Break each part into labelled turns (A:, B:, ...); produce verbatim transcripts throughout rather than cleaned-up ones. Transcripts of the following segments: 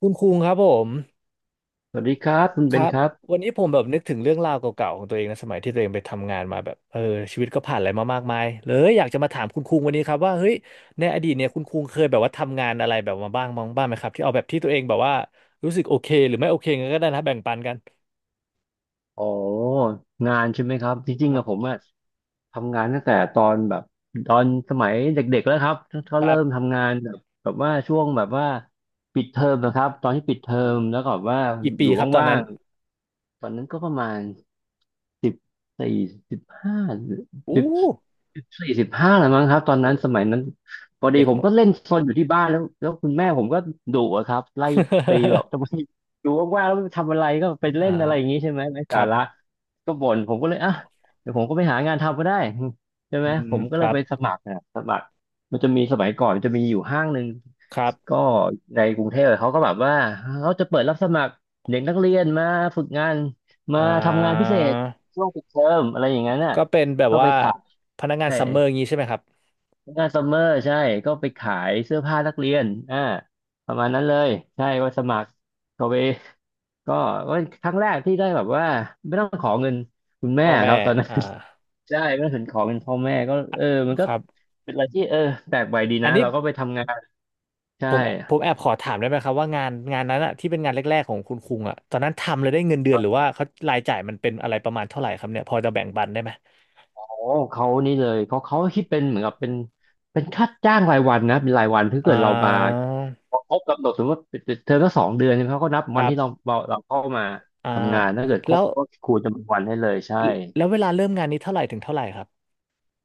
A: คุณคุงครับผม
B: สวัสดีครับคุณ
A: ค
B: เบ
A: รั
B: น
A: บ
B: ครับ
A: วันนี้ผมแบบนึกถึงเรื่องราวเก่าๆของตัวเองนะสมัยที่ตัวเองไปทำงานมาแบบเออชีวิตก็ผ่านอะไรมามากมายเลยอยากจะมาถามคุณคุงวันนี้ครับว่าเฮ้ยในอดีตเนี่ยคุณคุงเคยแบบว่าทำงานอะไรแบบมาบ้างบ้างบ้างไหมครับที่เอาแบบที่ตัวเองแบบว่ารู้สึกโอเคหรือไม่โอเคงั้นก็ได้นะแบ่งปันกัน
B: อ๋องานใช่ไหมครับจ
A: ค
B: ริงๆ
A: รั
B: อะผ
A: บ
B: มอะทำงานตั้งแต่ตอนแบบตอนสมัยเด็กๆแล้วครับเขา
A: ครั
B: เริ่ม
A: บ
B: ทำงานแบบแบบว่าช่วงแบบว่าปิดเทอมนะครับตอนที่ปิดเทอ
A: อืม
B: มแล้วก็แบบว่า
A: กี่
B: อ
A: ปี
B: ยู่
A: ครับตอน
B: ว่า
A: นั้น
B: งๆตอนนั้นก็ประมาณ สิบสี่สิบห้า
A: อู้
B: สิบสี่สิบห้าแล้วมั้งครับตอน
A: โอ้
B: นั้นสมัยนั้นพอดี
A: เด็ก
B: ผ
A: ห
B: ม
A: มด
B: ก็เล่นซนอยู่ที่บ้านแล้วแล้วคุณแม่ผมก็ดุอะครับไล่ตีแบบ ทำไมอยู่ว่างๆแล้วทำอะไรก็ไป
A: อ่
B: เล่นอะไรอย่างนี้
A: า
B: ใช่ไหมไร้
A: ค
B: สา
A: รั
B: ระ
A: บ
B: ก็บ่นผมก็เลยอ่ะเดี๋ยวผมก็ไปหางานทำก็ได้ใช่ไห
A: อื
B: ม
A: ม
B: ผมก็
A: ค
B: เล
A: รั
B: ย
A: บ
B: ไปสมัครนะสมัครมันจะมีสมัยก่อนมันจะมีอยู่ห้างหนึ่ง
A: ครับ
B: ก็ในกรุงเทพเขาก็แบบว่าเขาจะเปิดรับสมัครเด็กนักเรียนมาฝึกงานมา
A: อ่า
B: ทำงานพิเศษ ช่วงปิดเทอมอะไรอย่างนั้นน่ะ
A: ก็เป็นแบบ
B: ก็ไป
A: ว่า
B: ขาย
A: พนักงาน
B: ใช่
A: ซัมเมอร์อย่างงี้ใช่ไหมครับ
B: งานซัมเมอร์ใช่ก็ไปขายเสื้อผ้านักเรียนอ่าประมาณนั้นเลยใช่ก็สมัครก็ไปก็ก็ครั้งแรกที่ได้แบบว่าไม่ต้องขอเงินคุณแม่
A: พ่อ
B: ค
A: แม่
B: รับตอนนั้น
A: อ่า
B: ใช่ไม่ต้องถึงขอเงินพ่อแม่ก็
A: อ่ะ
B: เออมัน
A: ค
B: ก็
A: รับ
B: เป็นอะไรที่เออแปลกใหม่ดี
A: อัน
B: นะ
A: นี้
B: เราก็ไปทำงาน
A: ผ
B: ใช่
A: มผมแอบขอถามได้ไหมครับว่างานงานนั้นอะที่เป็นงานแรกๆของคุณคุงอะตอนนั้นทำเลยได้เงินเดือนหรือว่าเขารายจ่ายมันเป็นอะไรประมาณเท่าไหร่ครับเนี่ยพอจะแบ่งปันได้ไหม
B: อ๋อเขานี่เลยเขาเขาคิดเป็นเหมือนกับเป็นเป็นค่าจ้างรายวันนะเป็นรายวันถ้า
A: อ่
B: เกิดเรามา
A: า
B: พอครบกำหนดสมมติว่าเทอมละสองเดือนใช่ไหมเขาก็นับ
A: ค
B: วัน
A: รั
B: ที่เรา
A: บ
B: เราเราเข้ามา
A: อ่า
B: ทำงานถ้าเกิดค
A: แล้
B: รบ
A: ว
B: ก็คูณจำนวนวันให้เลยใช่
A: แล้วเวลาเริ่มงานนี้เท่าไหร่ถึงเท่าไหร่ครับ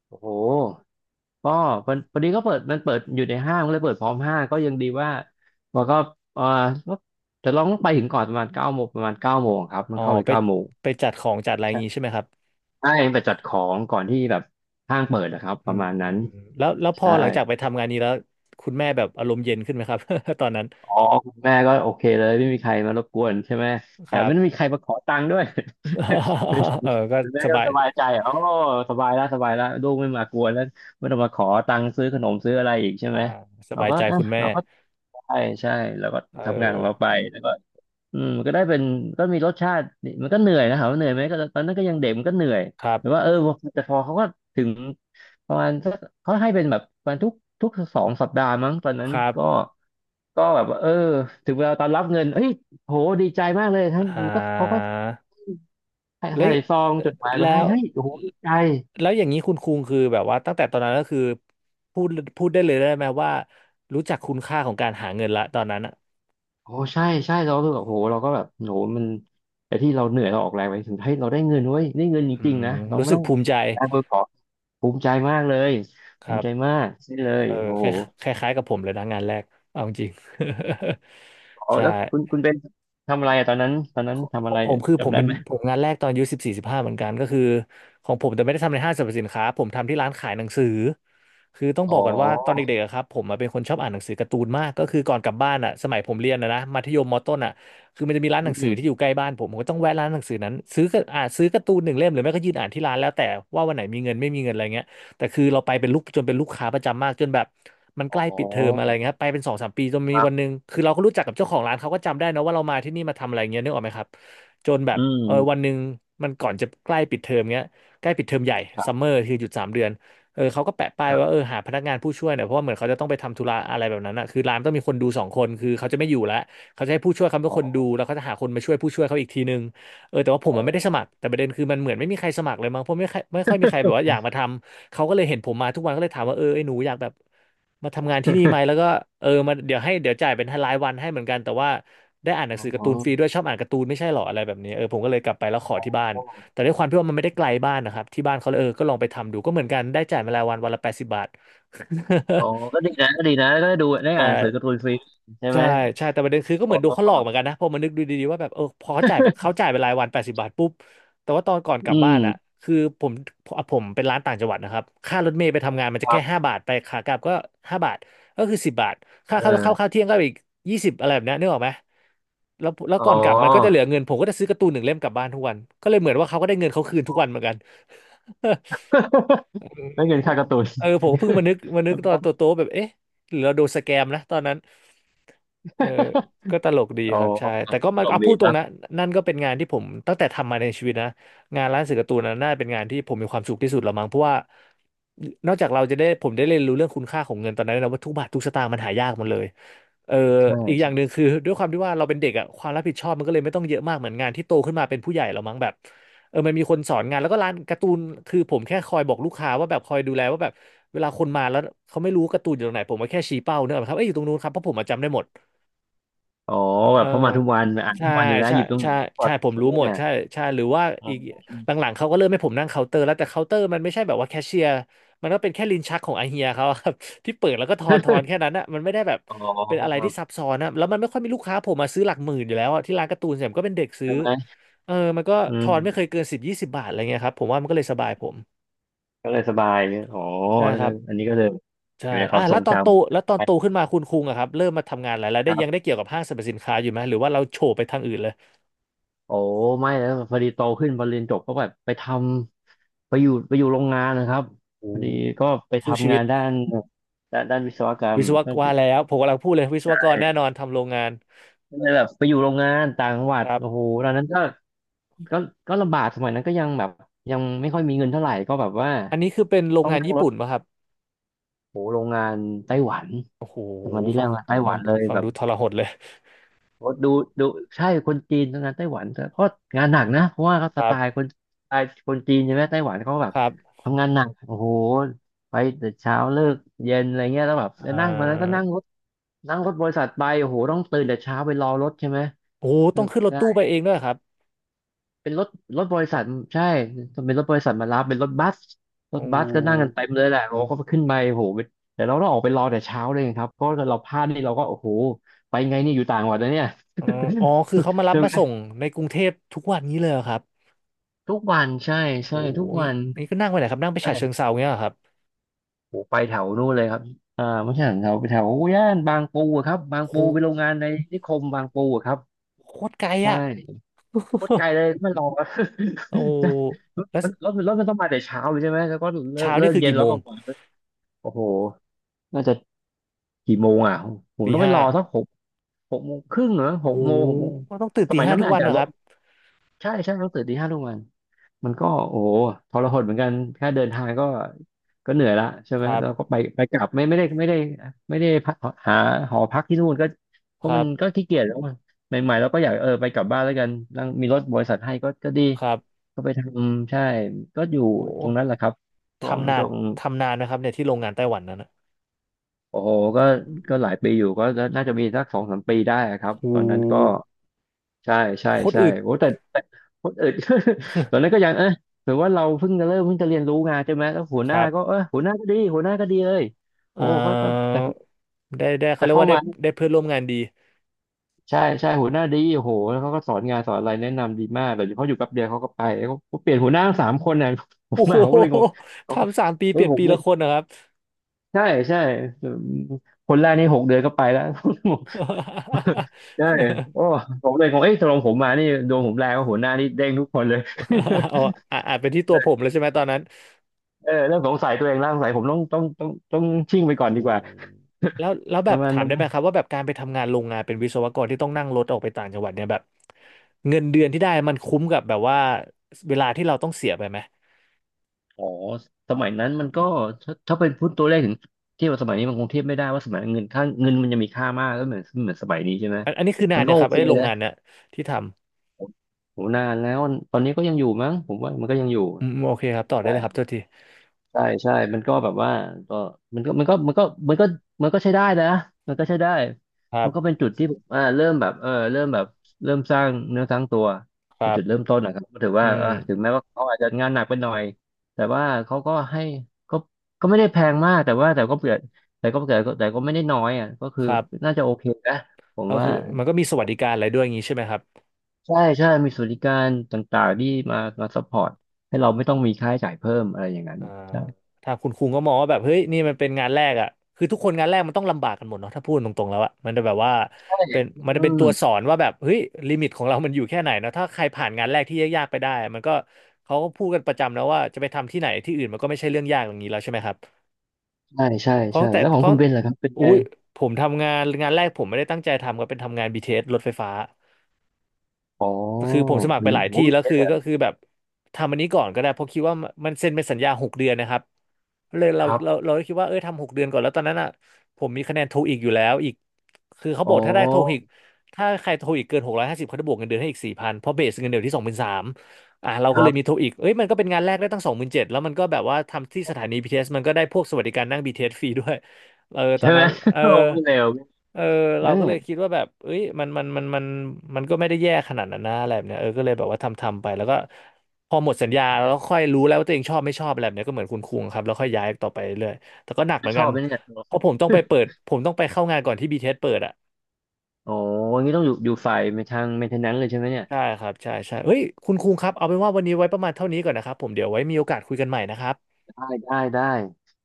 B: โอ้โหก็มันพอดีก็เปิดมันเปิดอยู่ในห้างก็เลยเปิดพร้อมห้างก็ยังดีว่ามันก็เอ่อก็แต่เราต้องไปถึงก่อนประมาณเก้าโมงประมาณเก้าโมงครับมั
A: อ๋
B: น
A: อ
B: เข้าไป
A: ไป
B: เก้าโมง
A: ไปจัดของจัดอะไรอย่างงี้
B: ใ
A: ใช่ไหมครับ
B: ช่ไปจัดของก่อนที่แบบห้างเปิดนะครับป
A: อื
B: ระ
A: ม
B: มาณนั้น
A: แล้วแล้วพอ
B: ใช่
A: หลังจากไปทำงานนี้แล้วคุณแม่แบบอารมณ์เย็นขึ้นไหมครับ ตอนนั้น
B: อ๋อคุณแม่ก็โอเคเลยไม่มีใครมารบกวนใช่ไหม
A: ค
B: แถ
A: รั
B: ม
A: บ
B: ไม่มีใครมาขอตังค์ด้วย
A: เออก็
B: คุณแม่
A: ส
B: ก็
A: บาย
B: สบายใจอ๋อสบายแล้วสบายแล้วลูกไม่มากวนแล้วไม่ต้องมาขอตังค์ซื้อขนมซื้ออะไรอีกใช่
A: อ่า
B: ไหม
A: ส
B: เรา
A: บาย
B: ก็
A: ใจ
B: อ่ะ
A: คุณแม่
B: เราก็ใช่ใช่เราก็
A: เอ
B: ทำงานข
A: อ
B: องเราไปแล้วก็อืมมันก็ได้เป็นก็มีรสชาตินี่มันก็เหนื่อยนะถามว่าเหนื่อยไหมก็ตอนนั้นก็ยังเด็กมันก็เหนื่อย
A: ครั
B: แต่ว่า
A: บ
B: เออแต่พอเขาก็ถึงประมาณสักเขาให้เป็นแบบประมาณทุกทุกสองสัปดาห์มั้งตอนนั้
A: ค
B: น
A: รั
B: ก็
A: บ
B: ก็แบบว่าเออถึงเวลาตอนรับเงินเฮ้ยโหดีใจมากเลยทั้ง
A: อ่า
B: มันก็เขาก็ใ
A: แล้ว
B: ส่ซอง
A: อ
B: จดหมายมา
A: แล้
B: ให้
A: ว
B: เฮ้ยโอ้โหดีใจ
A: แล้วอย่างนี้คุณคุงคือแบบว่าตั้งแต่ตอนนั้นก็คือ พูดพูดได้เลยได้ไหมว่า รู้จักคุณค่าของการหาเงินละตอนนั้นอ่ะ
B: โอ้ใช่ใช่เรารู้สึกแบบโหเราก็แบบโหมันไอ้ที่เราเหนื่อยเราออกแรงไปถึงเฮ้ยเราได้เงินเว้ยได้เงินจ
A: อื
B: ริง
A: ม
B: ๆนะเรา
A: รู้
B: ไม่
A: สึก
B: ต้อง
A: ภูมิใจ
B: การเบอร์ขอภูมิใจมากเลย
A: ค
B: ภู
A: รั
B: มิ
A: บ
B: ใจมากนี่เลย
A: เออ
B: โอ้
A: ค
B: โห
A: ล้ายคล้ายๆกับผมเลยนะงานแรกเอาจริง
B: อ๋ อ
A: ใช่
B: แล้วคุณคุณเป็นทำอะไรอะตอนนั้นตอนนั้
A: ข
B: น
A: อง
B: ทำ
A: ข
B: อะ
A: อ
B: ไร
A: งผม
B: อะ
A: คือผ
B: จำ
A: ม
B: ได้
A: เป็น
B: ไหม
A: ผมงานแรกตอนอายุสิบสี่สิบห้าเหมือนกันก็คือของผมแต่ไม่ได้ทำในห้างสรรพสินค้าผมทำที่ร้านขายหนังสือคือต้อง
B: อ๋
A: บอกก่อนว่าตอน
B: อ
A: เด็กๆอะครับผมอะเป็นคนชอบอ่านหนังสือการ์ตูนมากก็คือก่อนกลับบ้านอ่ะสมัยผมเรียนนะนะมัธยมมต้นอ่ะคือมันจะมีร้านห
B: อื
A: นังสือ
B: ม
A: ที่อยู่ใกล้บ้านผมผมก็ต้องแวะร้านหนังสือนั้นซื้อก็อ่านซื้อการ์ตูนหนึ่งเล่มหรือไม่ก็ยืนอ่านที่ร้านแล้วแต่ว่าวันไหนมีเงินไม่มีเงินอะไรเงี้ย แต่คือเราไปเป็นลูกจนเป็นลูกค้าประจำมากจนแบบมันใกล้
B: อ๋
A: ปิดเทอม
B: อ
A: อะไรเงี้ยไปเป็นสองสามปีจนมี
B: ครั
A: วันห
B: บ
A: นึ่งคือเราก็รู้จักกับเจ้าของร้านเขาก็จำได้นะว่าเรามาที่นี่มาทำอะไรเงี้ยนึกออกไหมครับจนแบบ
B: อื
A: เออวัน
B: ม
A: หนึ่งมันก่อนจะใกล้ปิดเทอมเงี้ยใกล้ปิดเทอมใหญ่
B: ครั
A: ซัมเมอ
B: บ
A: ร์คือหยุดสามเดือนเออเขาก็แปะป้า
B: ค
A: ย
B: รั
A: ว่าเออ
B: บ
A: หาพนักงานผู้ช่วยหน่อยเพราะว่าเหมือนเขาจะต้องไปทำธุระอะไรแบบนั้นอ่ะคือร้านต้องมีคนดูสองคนคือเขาจะไม่อยู่แล้วเขาจะให้ผู้ช่วยเขาเป็
B: อ๋
A: น
B: อ
A: คนดูแล้วเขาจะหาคนมาช่วยผู้ช่วยเขาอีกทีนึงเออแต่ว่าผม
B: อ๋
A: มั
B: อ
A: นไม่ได้สมัครแต่ประเด็นคือมันเหมือนไม่มีใครสมัครเลยมั้งเพราะไม่ค่อยไม่ค่อยมีใครแบบว่าอยากมาทำ เขาก็เลยเห็นผมมาทุกวันก็เลยถามว่าเออไอ้หนูอยากแบบมาทำงานที่นี่ไหมแล้วก็เออมาเดี๋ยวให้เดี๋ยวจ่ายเป็นรายวันให้เหมือนกันแต่ว่าได้อ่านหนัง
B: อ๋อ
A: สือการ์ตูนฟรีด้วยชอบอ่านการ์ตูนไม่ใช่หรออะไรแบบนี้เออผมก็เลยกลับไปแล้วขอ
B: อ๋
A: ที่
B: อ
A: บ้านแต่ด้วยความที่ว่ามันไม่ได้ไกลบ้านนะครับที่บ้านเขาเลยเออก็ลองไปทำดูก็เหมือนกันได้จ่ายมารายวันวันละแปดสิบบาท
B: อ๋อก็ดีนะก็ดีนะก็ได้ดูได้
A: ใช่
B: อ่านหนังสือการ์ตูนฟรีใช่ไห
A: ใช่
B: ม
A: ใช่แต่ประเด็นคือก็เห
B: อ๋
A: มือนโดนเขาหลอกเห
B: อ
A: มือนกันนะพอมานึกดูดีๆว่าแบบเออพอเขาจ่ายเขา จ่ายไปรายวันแปดสิบบาทปุ๊บแต่ว่าตอนก่อนกลั
B: อื
A: บบ้านอ่ะ
B: ม
A: คือผมผมเป็นร้านต่างจังหวัดนะครับค่ารถเมล์ไปทำงานมัน
B: ค
A: จะ
B: รั
A: แค่ห้า
B: บ
A: บาทไปขากลับก็ห้าบาทก็คือสิบบาทค่า
B: เอ
A: ข้าวข้าวข้าว
B: อ
A: เที่ยงก็อีกยี่สิบอะไรแบบเนี้ยนึกออกไหมแล้วแล้ว
B: อ๋อ
A: ก่อนกลับมันก็จะเหลือเงินผมก็จะซื้อการ์ตูนหนึ่งเล่มกลับบ้านทุกวันก็เลยเหมือนว่าเขาก็ได้เงินเขาคืน
B: อ๋
A: ทุก
B: อ
A: วันเหมือนกัน
B: ไม่
A: ผ
B: เกิ
A: ม
B: น
A: ก็
B: ค่าการ์ตูน
A: เออผมก็เพิ่งมานึกมา
B: ค
A: นึก
B: รับ
A: ต
B: ผ
A: อน
B: ม
A: โตๆแบบเอ๊ะหรือเราโดนสแกมนะตอนนั้น เออก็ตลกดี
B: อ๋อ
A: ครับใช่แต่ก็
B: ส
A: มัน
B: นก
A: เอา
B: ดี
A: พูดตรงนะ
B: นะ
A: นั่นก็เป็นงานที่ผมตั้งแต่ทำมาในชีวิตนะงานร้านสื่อการ์ตูนนะน่าเป็นงานที่ผมมีความสุขที่สุดละมั้งเพราะว่านอกจากเราจะได้ผมได้เรียนรู้เรื่องคุณค่าของเงินตอนนั้นนะว่าทุกบาททุกสตางค์มันหายากหมดเลยเออ
B: ใช
A: อีกอย่างห
B: ่
A: นึ่งคือด้วยความที่ว่าเราเป็นเด็กอะความรับผิดชอบมันก็เลยไม่ต้องเยอะมากเหมือนงานที่โตขึ้นมาเป็นผู้ใหญ่แล้วมั้งแบบเออมันมีคนสอนงานแล้วก็ร้านการ์ตูนคือผมแค่คอยบอกลูกค้าว่าแบบคอยดูแลว่าแบบเวลาคนมาแล้วเขาไม่รู้การ์ตูนอยู่ตรงไหนผมก็แค่ชี้เป้าเนกอะครับเอ้ยอยู่ตรงนู้นครับเพราะผมอะจำได้หมด
B: อ๋อ
A: เอ
B: แบ
A: อ
B: บเพอมาทุกวันอ่าน
A: ใช่
B: ทุกวันอยู่แล้ว
A: ใช่
B: หยิบตรงไหน
A: ใช่
B: ก็ก
A: ใช่
B: ด
A: ผม
B: ใช่
A: รู้
B: ไห
A: หมด
B: ม
A: ใช่ใช่หรือว่า
B: อ๋
A: อีกห
B: อ
A: ลังๆเขาก็เริ่มให้ผมนั่งเคาน์เตอร์แล้วแต่เคาน์เตอร์มันไม่ใช่แบบว่าแคชเชียร์มันก็เป็นแค่ลิ้นชักของไอเฮียเขาอะ ครับ ที่เปิดแล้วก็ทอนทอนแค่นั้นอะมันไม่ได้แบบ
B: อ๋
A: เป็นอะไร
B: อ
A: ที่ซับซ้อนนะแล้วมันไม่ค่อยมีลูกค้าผมมาซื้อหลักหมื่นอยู่แล้วอะที่ร้านการ์ตูนเนี่ยผมก็เป็นเด็ก ซื้อ
B: ใช่ไหม
A: เออมันก็
B: อื
A: ทอนไม่เคย
B: ม
A: เกินสิบยี่สิบบาทอะไรเงี้ยครับผมว่ามันก็เลยสบายผม
B: ก็เลยสบายอ๋อ
A: ใช่ครับ
B: อันนี้ก็เลย
A: ใช่
B: อยู่ในค
A: อ่ะ
B: วามท
A: แล้
B: ร
A: ว
B: ง
A: ตอ
B: จ
A: นโตแล้วตอนโต
B: ำ
A: ขึ้นมาคุณคุงอะครับเริ่มมาทำงานอะไรแล้ว
B: ค
A: ได้
B: รั
A: ยังได้
B: บ
A: เกี่ยวกับห้างสรรพสินค้าอยู่ไหมหรือว่าเราโฉบไปทางอื่นเลย
B: โอ้ไม่แล้วพอดีโตขึ้นพอเรียนจบก็แบบไปทำไปอยู่ไปอยู่โรงงานนะครับพอดีก็ไป
A: สู้ชี
B: ทำ
A: วิ
B: งา
A: ต
B: นด้านด้านด้านวิศวกรร
A: วิ
B: ม
A: ศวก
B: ก็
A: ร
B: ไป
A: ว่าแล้วผมกำลังพูดเลยวิศวกร
B: ใช่
A: แน่นอนทำโรงงาน
B: ก็เลยแบบไปอยู่โรงงานต่างจังหวั
A: ค
B: ด
A: รั
B: โอ้โห
A: บ
B: ตอนนั้นก็ก็ก็ลำบากสมัยนั้นก็ยังแบบยังไม่ค่อยมีเงินเท่าไหร่ก็แบบว่า
A: อันนี้คือเป็นโรง
B: ต้อง
A: งาน
B: นั่ง
A: ญี่
B: รถ
A: ปุ่นป่ะครับ
B: โอ้โหโรงงานไต้หวัน
A: โอ้โห
B: สมันที่แร
A: ฟัง
B: กมาไต้ห
A: ฟั
B: วั
A: ง
B: นเลย
A: ฟั
B: แบ
A: ง
B: บ
A: ดูทรหดเลย
B: โอ้ดูดูใช่คนจีนทังานไต้หวันแต่ก็งานหนักนะเพราะว่าเขา
A: ค
B: ส
A: รั
B: ไตล์ค
A: บ
B: นสไตล์คนจีนใช่ไหมไต้หวันเขาแบ
A: ค
B: บ
A: รับ
B: ทำงานหนักโอ้โหไปแต่เช้าเลิกเย็นอะไรเงี้ยแล้วแบบจะ
A: เอ่
B: นั่งตอนนั้นก็
A: อ
B: นั่งรถนั่งรถบริษัทไปโอ้โหต้องตื่นแต่เช้าไปรอรถใช่ไหม
A: โอ้
B: เออ
A: ต้องขึ้นรถ
B: ใช่
A: ตู้ไปเองด้วยเหรอครับ
B: เป็นรถรถบริษัทใช่เป็นรถบริษัทมารับเป็นรถบัสร
A: โอ
B: ถบัสก็นั่งกัน
A: ้
B: เต็มเลยแหละโอ้โหก็ขึ้นไปโอ้โหแต่เราต้องออกไปรอแต่เช้าเลยครับเพราะเราพลาดนี่เราก็โอ้โหไปไงนี่อยู่ต่างจังหวัดนะเนี่ย
A: เอ่ออ๋อคือเขามารับมาส่ งในกรุงเทพทุกวันนี้เลยเหรอครับ
B: ทุกวันใช่
A: โอ้โห
B: ใช่ทุก
A: นี่
B: วัน
A: นี่ก็นั่งไปไหนครับนั่งไปฉะเชิงเท
B: ใช่
A: ราเงี้ยเหรอครับ
B: โอ้ไปแถวนู่นเลยครับอ่าไม่ใช่แถวไปแถวย่านบางปูอะครับบาง
A: โอ้โห
B: ปูไปโรงงานในนิคมบางปูอะครับ
A: โคตรไกล
B: ใช่
A: อ่ะ
B: โคตรไกล เลยไม่รอ
A: โอ้โห
B: ใช่
A: แล้ว
B: รถรถรถมันต้องมาแต่เช้าเลยใช่ไหมแล้วก็เลิก
A: เช้า
B: เลิ
A: นี่
B: ก
A: คือ
B: เย็น
A: กี่
B: แล้
A: โม
B: วก็
A: ง
B: กลับโอ้โหน่าจะกี่โมงอ่ะผม
A: ตี
B: ต้องไป
A: ห้า
B: รอสักหกหกโมงครึ่งเหรอ
A: โอ้
B: ห
A: โห
B: กโมงหกโมง
A: ต้องตื่น
B: ส
A: ตี
B: มัย
A: ห้า
B: นั้น
A: ทุ
B: มั
A: ก
B: นอา
A: วั
B: จ
A: น
B: จะ
A: เหรอ
B: ล
A: ครั
B: ด
A: บ
B: ใช่ใช่ต้องตื่นตีห้าทุกวัน มันก็โอ้โหทรหดเหมือนกันแค่เดินทางก็ก็เหนื่อยละใช่
A: ค
B: ไหม
A: รั
B: แล้วก็
A: บ
B: ไปไปกลับไม่ไม่ได้ไม่ได้ไม่ได้พักหาหอพักที่นู่นก็เพ
A: ค
B: ราะ
A: รั
B: มันก็
A: บ
B: ขี้เกียจแล้วมันใหม่ๆเราก็อยากเออไปกลับบ้านแล้วกันนั่งมีรถบริษัทให้ก็ก็ดี
A: ครับ
B: ก็ไปทำใช่ก็อยู่ตรง
A: โห
B: นั้นแหละครับช่วง
A: ทำนา
B: ช่
A: น
B: วง
A: ทำนานนะครับเนี่ยที่โรงงานไต้หวันนั้นนะ
B: โอ้โหก็ก็หลายปีอยู่ก็น่าจะมีสักสองสามปีได้อะครั
A: โ
B: บตอนนั้นก็
A: ห
B: ใช่ใช่
A: โคตร
B: ใช่
A: อึด
B: โอ้แต่แต่คนอื่น ตอนนั้นก็ยังเออถือว่าเราเพิ่งจะเริ่มเพิ่งจะเรียนรู้งานใช่ไหมแล้วหัวห
A: ค
B: น้า
A: รั
B: ก็
A: บ
B: เออหัวหน้าก็ดีหัวหน้าก็ดีเลยโอ้
A: เอ่
B: ก็ก็
A: อ
B: แต่
A: ได้ได้เขา
B: จะ
A: เรียก
B: เข้า
A: ว่าได้
B: มา
A: ได้เพื่อนร่วมงานดี
B: ใช่ใช่หัวหน้าดีโอ้โหแล้วเขาก็สอนงานสอนอะไรแนะนำดีมากแต่เขาอยู่แป๊บเดียวเขาก็ไปเขาเขาเปลี่ยนหัวหน้าทั้งสามคนเนี่ยผ
A: โอ้
B: ม
A: โห
B: มาผมก็เลยงงอ๋อ
A: ทำสามปี
B: เฮ้
A: เป
B: ย
A: ลี่ยน
B: ผม
A: ปี
B: ไม่
A: ละ
B: ย
A: คนนะครับ
B: ใช่ใช่คนแรกนี่หกเดือนก็ไปแล้ว ใช่โอ้ผมเลยงงเอ้ยตกลงผมมานี่โดวงผมแรงว่าหัวหน้านี่เด้งทุกคนเลย
A: เอาอ่ะอาจเป็นที่ตัว ผมเลยใช่ไหมตอนนั้น
B: เออเริ่มสงสัยตัวเองแล้วสงสัยผมต้องต้องต้องต้องชิ่งไปก่
A: โอ้
B: อน
A: โห
B: ดีกว่า
A: แล้วแล้ว
B: ป
A: แบบ
B: ระมาณ
A: ถาม
B: นั้น
A: ได้ไหมครับว่าแบบการไปทำงานโรงงานเป็นวิศวกรที่ต้องนั่งรถออกไปต่างจังหวัดเนี่ยแบบเงินเดือนที่ได้มันคุ้มกับแบบว่าเวลาที่เราต้องเสียไปไหม
B: อ๋อสมัยนั้นมันก็ถ้าถ้าเป็นพูดตัวเลขถึงเทียบกับสมัยนี้มันคงเทียบไม่ได้ว่าสมัยนั้นเงินค่าเงินมันจะมีค่ามากแล้วเหมือนเหมือนสมัยนี้ใช่ไหม
A: อันอันนี้คือนา
B: มั
A: น
B: น
A: เนี่
B: ก็
A: ยค
B: โอ
A: รับ
B: เค
A: ไอ้โรง
B: นะ
A: งานเนี่ยที่ทำ
B: โหนานแล้วตอนนี้ก็ยังอยู่มั้งผมว่ามันก็ยังอยู่
A: อืมโอเคครับต่อได้เลยครับโทษที
B: ใช่ใช่ มันก็แบบว่าก็มันก็มันก็มันก็มันก็มันก็ใช้ได้นะมันก็ใช้ได้
A: ครั
B: มันก็
A: บ
B: เป็นจุดที่ผมอ่าเริ่มแบบเออเริ่มแบบเริ่มสร้างเนื้อสร้างตัว
A: ค
B: เป็น
A: รั
B: จุดเริ่
A: บ
B: มต้นนะครับก็ถือ
A: อื
B: ว่าเออถึง
A: ม
B: แม้ว่าเขาอาจจะงานหนักไปหน่อยแต่ว่าเขาก็ให้ก็ก็ไม่ได้แพงมากแต่ว่าแต่ก็เกิดแต่ก็เกิดแต่ก็ไม่ได้น้อยอ่ะก็คื
A: ค
B: อ
A: รับ
B: น่าจะโอเคนะผม
A: ก็
B: ว่า
A: คือมันก็มีสวัสดิการอะไรด้วยอย่างนี้ใช่ไหมครับ
B: ใช่ใช่มีสวัสดิการต่างๆที่มามาซัพพอร์ตให้เราไม่ต้องมีค่าใช้จ่ายเพิ่มอะไรอย่างนั้น
A: อ่า
B: ใช่
A: ทางคุณคุงก็มองว่าแบบเฮ้ยนี่มันเป็นงานแรกอ่ะคือทุกคนงานแรกมันต้องลำบากกันหมดเนาะถ้าพูดตรงๆแล้วอ่ะมันจะแบบว่า
B: ใช่
A: เป็นมัน
B: อื
A: จะเป็น
B: ม
A: ตัวสอนว่าแบบเฮ้ยลิมิตของเรามันอยู่แค่ไหนเนาะถ้าใครผ่านงานแรกที่ยากๆไปได้มันก็เขาก็พูดกันประจำแล้วว่าจะไปทำที่ไหนที่อื่นมันก็ไม่ใช่เรื่องยากอย่างนี้แล้วใช่ไหมครับ
B: ใช่ใช่
A: เพราะ
B: ใช่
A: แต่
B: แล้วขอ
A: เพ
B: งคุ
A: ราะ
B: ณเบนล่ะครับเป็น
A: อุ้
B: ไง
A: ยผมทำงานงานแรกผมไม่ได้ตั้งใจทำก็เป็นทำงาน บี ที เอส รถไฟฟ้า
B: อ๋อ
A: คือผมสมัครไป
B: มี
A: หลาย
B: โอ้
A: ที่
B: มี
A: แล้ว
B: เยอะ
A: คือ
B: เล
A: ก็
B: ย
A: คือแบบทำอันนี้ก่อนก็ได้เพราะคิดว่ามันเซ็นเป็นสัญญาหกเดือนนะครับเลยเรา
B: ครับ
A: เราเราก็คิดว่าเออทำหกเดือนก่อนแล้วตอนนั้นอ่ะผมมีคะแนนโทอีกอยู่แล้วอีกคือเขา
B: อ๋
A: บ
B: อ
A: อกถ้าได้โทอีกถ้าใครโทอีกเกินหกร้อยห้าสิบเขาจะบวกเงินเดือนให้อีกสี่พันเพราะเบสเงินเดือนที่สองหมื่นสามอ่ะเรา
B: ค
A: ก็เล
B: รับ
A: ยมีโทอีกเอ้ยมันก็เป็นงานแรกได้ตั้งสองหมื่นเจ็ดแล้วมันก็แบบว่าทำที่สถานี บี ที เอส มันก็ได้พวกสวัสดิการนั่ง บี ที เอส ฟรีด้วยเออ ตอ
B: ใช่
A: น
B: ไหม
A: นั้นเออ
B: โอ้ไม่เร็ว
A: เออ
B: เออ
A: เราก็เลยคิดว่าแบบเอ้ยมันมันมันมันมันก็ไม่ได้แย่ขนาดนั้นนะอะไรแบบเนี้ยเออก็เลยแบบว่าทำทำไปแล้วก็พอหมดสัญญาแล้วค่อยรู้แล้วว่าตัวเองชอบไม่ชอบอะไรแบบเนี้ยก็เหมือนคุณคุงครับแล้วค่อยย้ายต่อไปเรื่อยแต่ก็หนัก
B: ไม
A: เหมือน
B: ช
A: กั
B: อ
A: น
B: บไหมเนี่ย
A: เพราะผมต้องไปเปิดผมต้องไปเข้างานก่อนที่บีทีเ t สเปิดอ่ะ
B: โอ้ อยังนี้ต้องอยู่อยู่ฝ่ายทาง เมนเทแนนซ์ เลยใช่ไหมเนี่ย
A: ใช่ครับใช่ใช่เฮ้ยคุณคุงครับเอาเป็นว่าวันนี้ไว้ประมาณเท่านี้ก่อนนะครับผมเดี๋ยวไว้มีโอกาสคุยกันใหม่นะครับ
B: ได้ได้ได้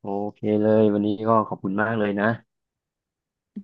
B: โอเคเลยวันนี้ก็ขอบคุณมากเลยนะ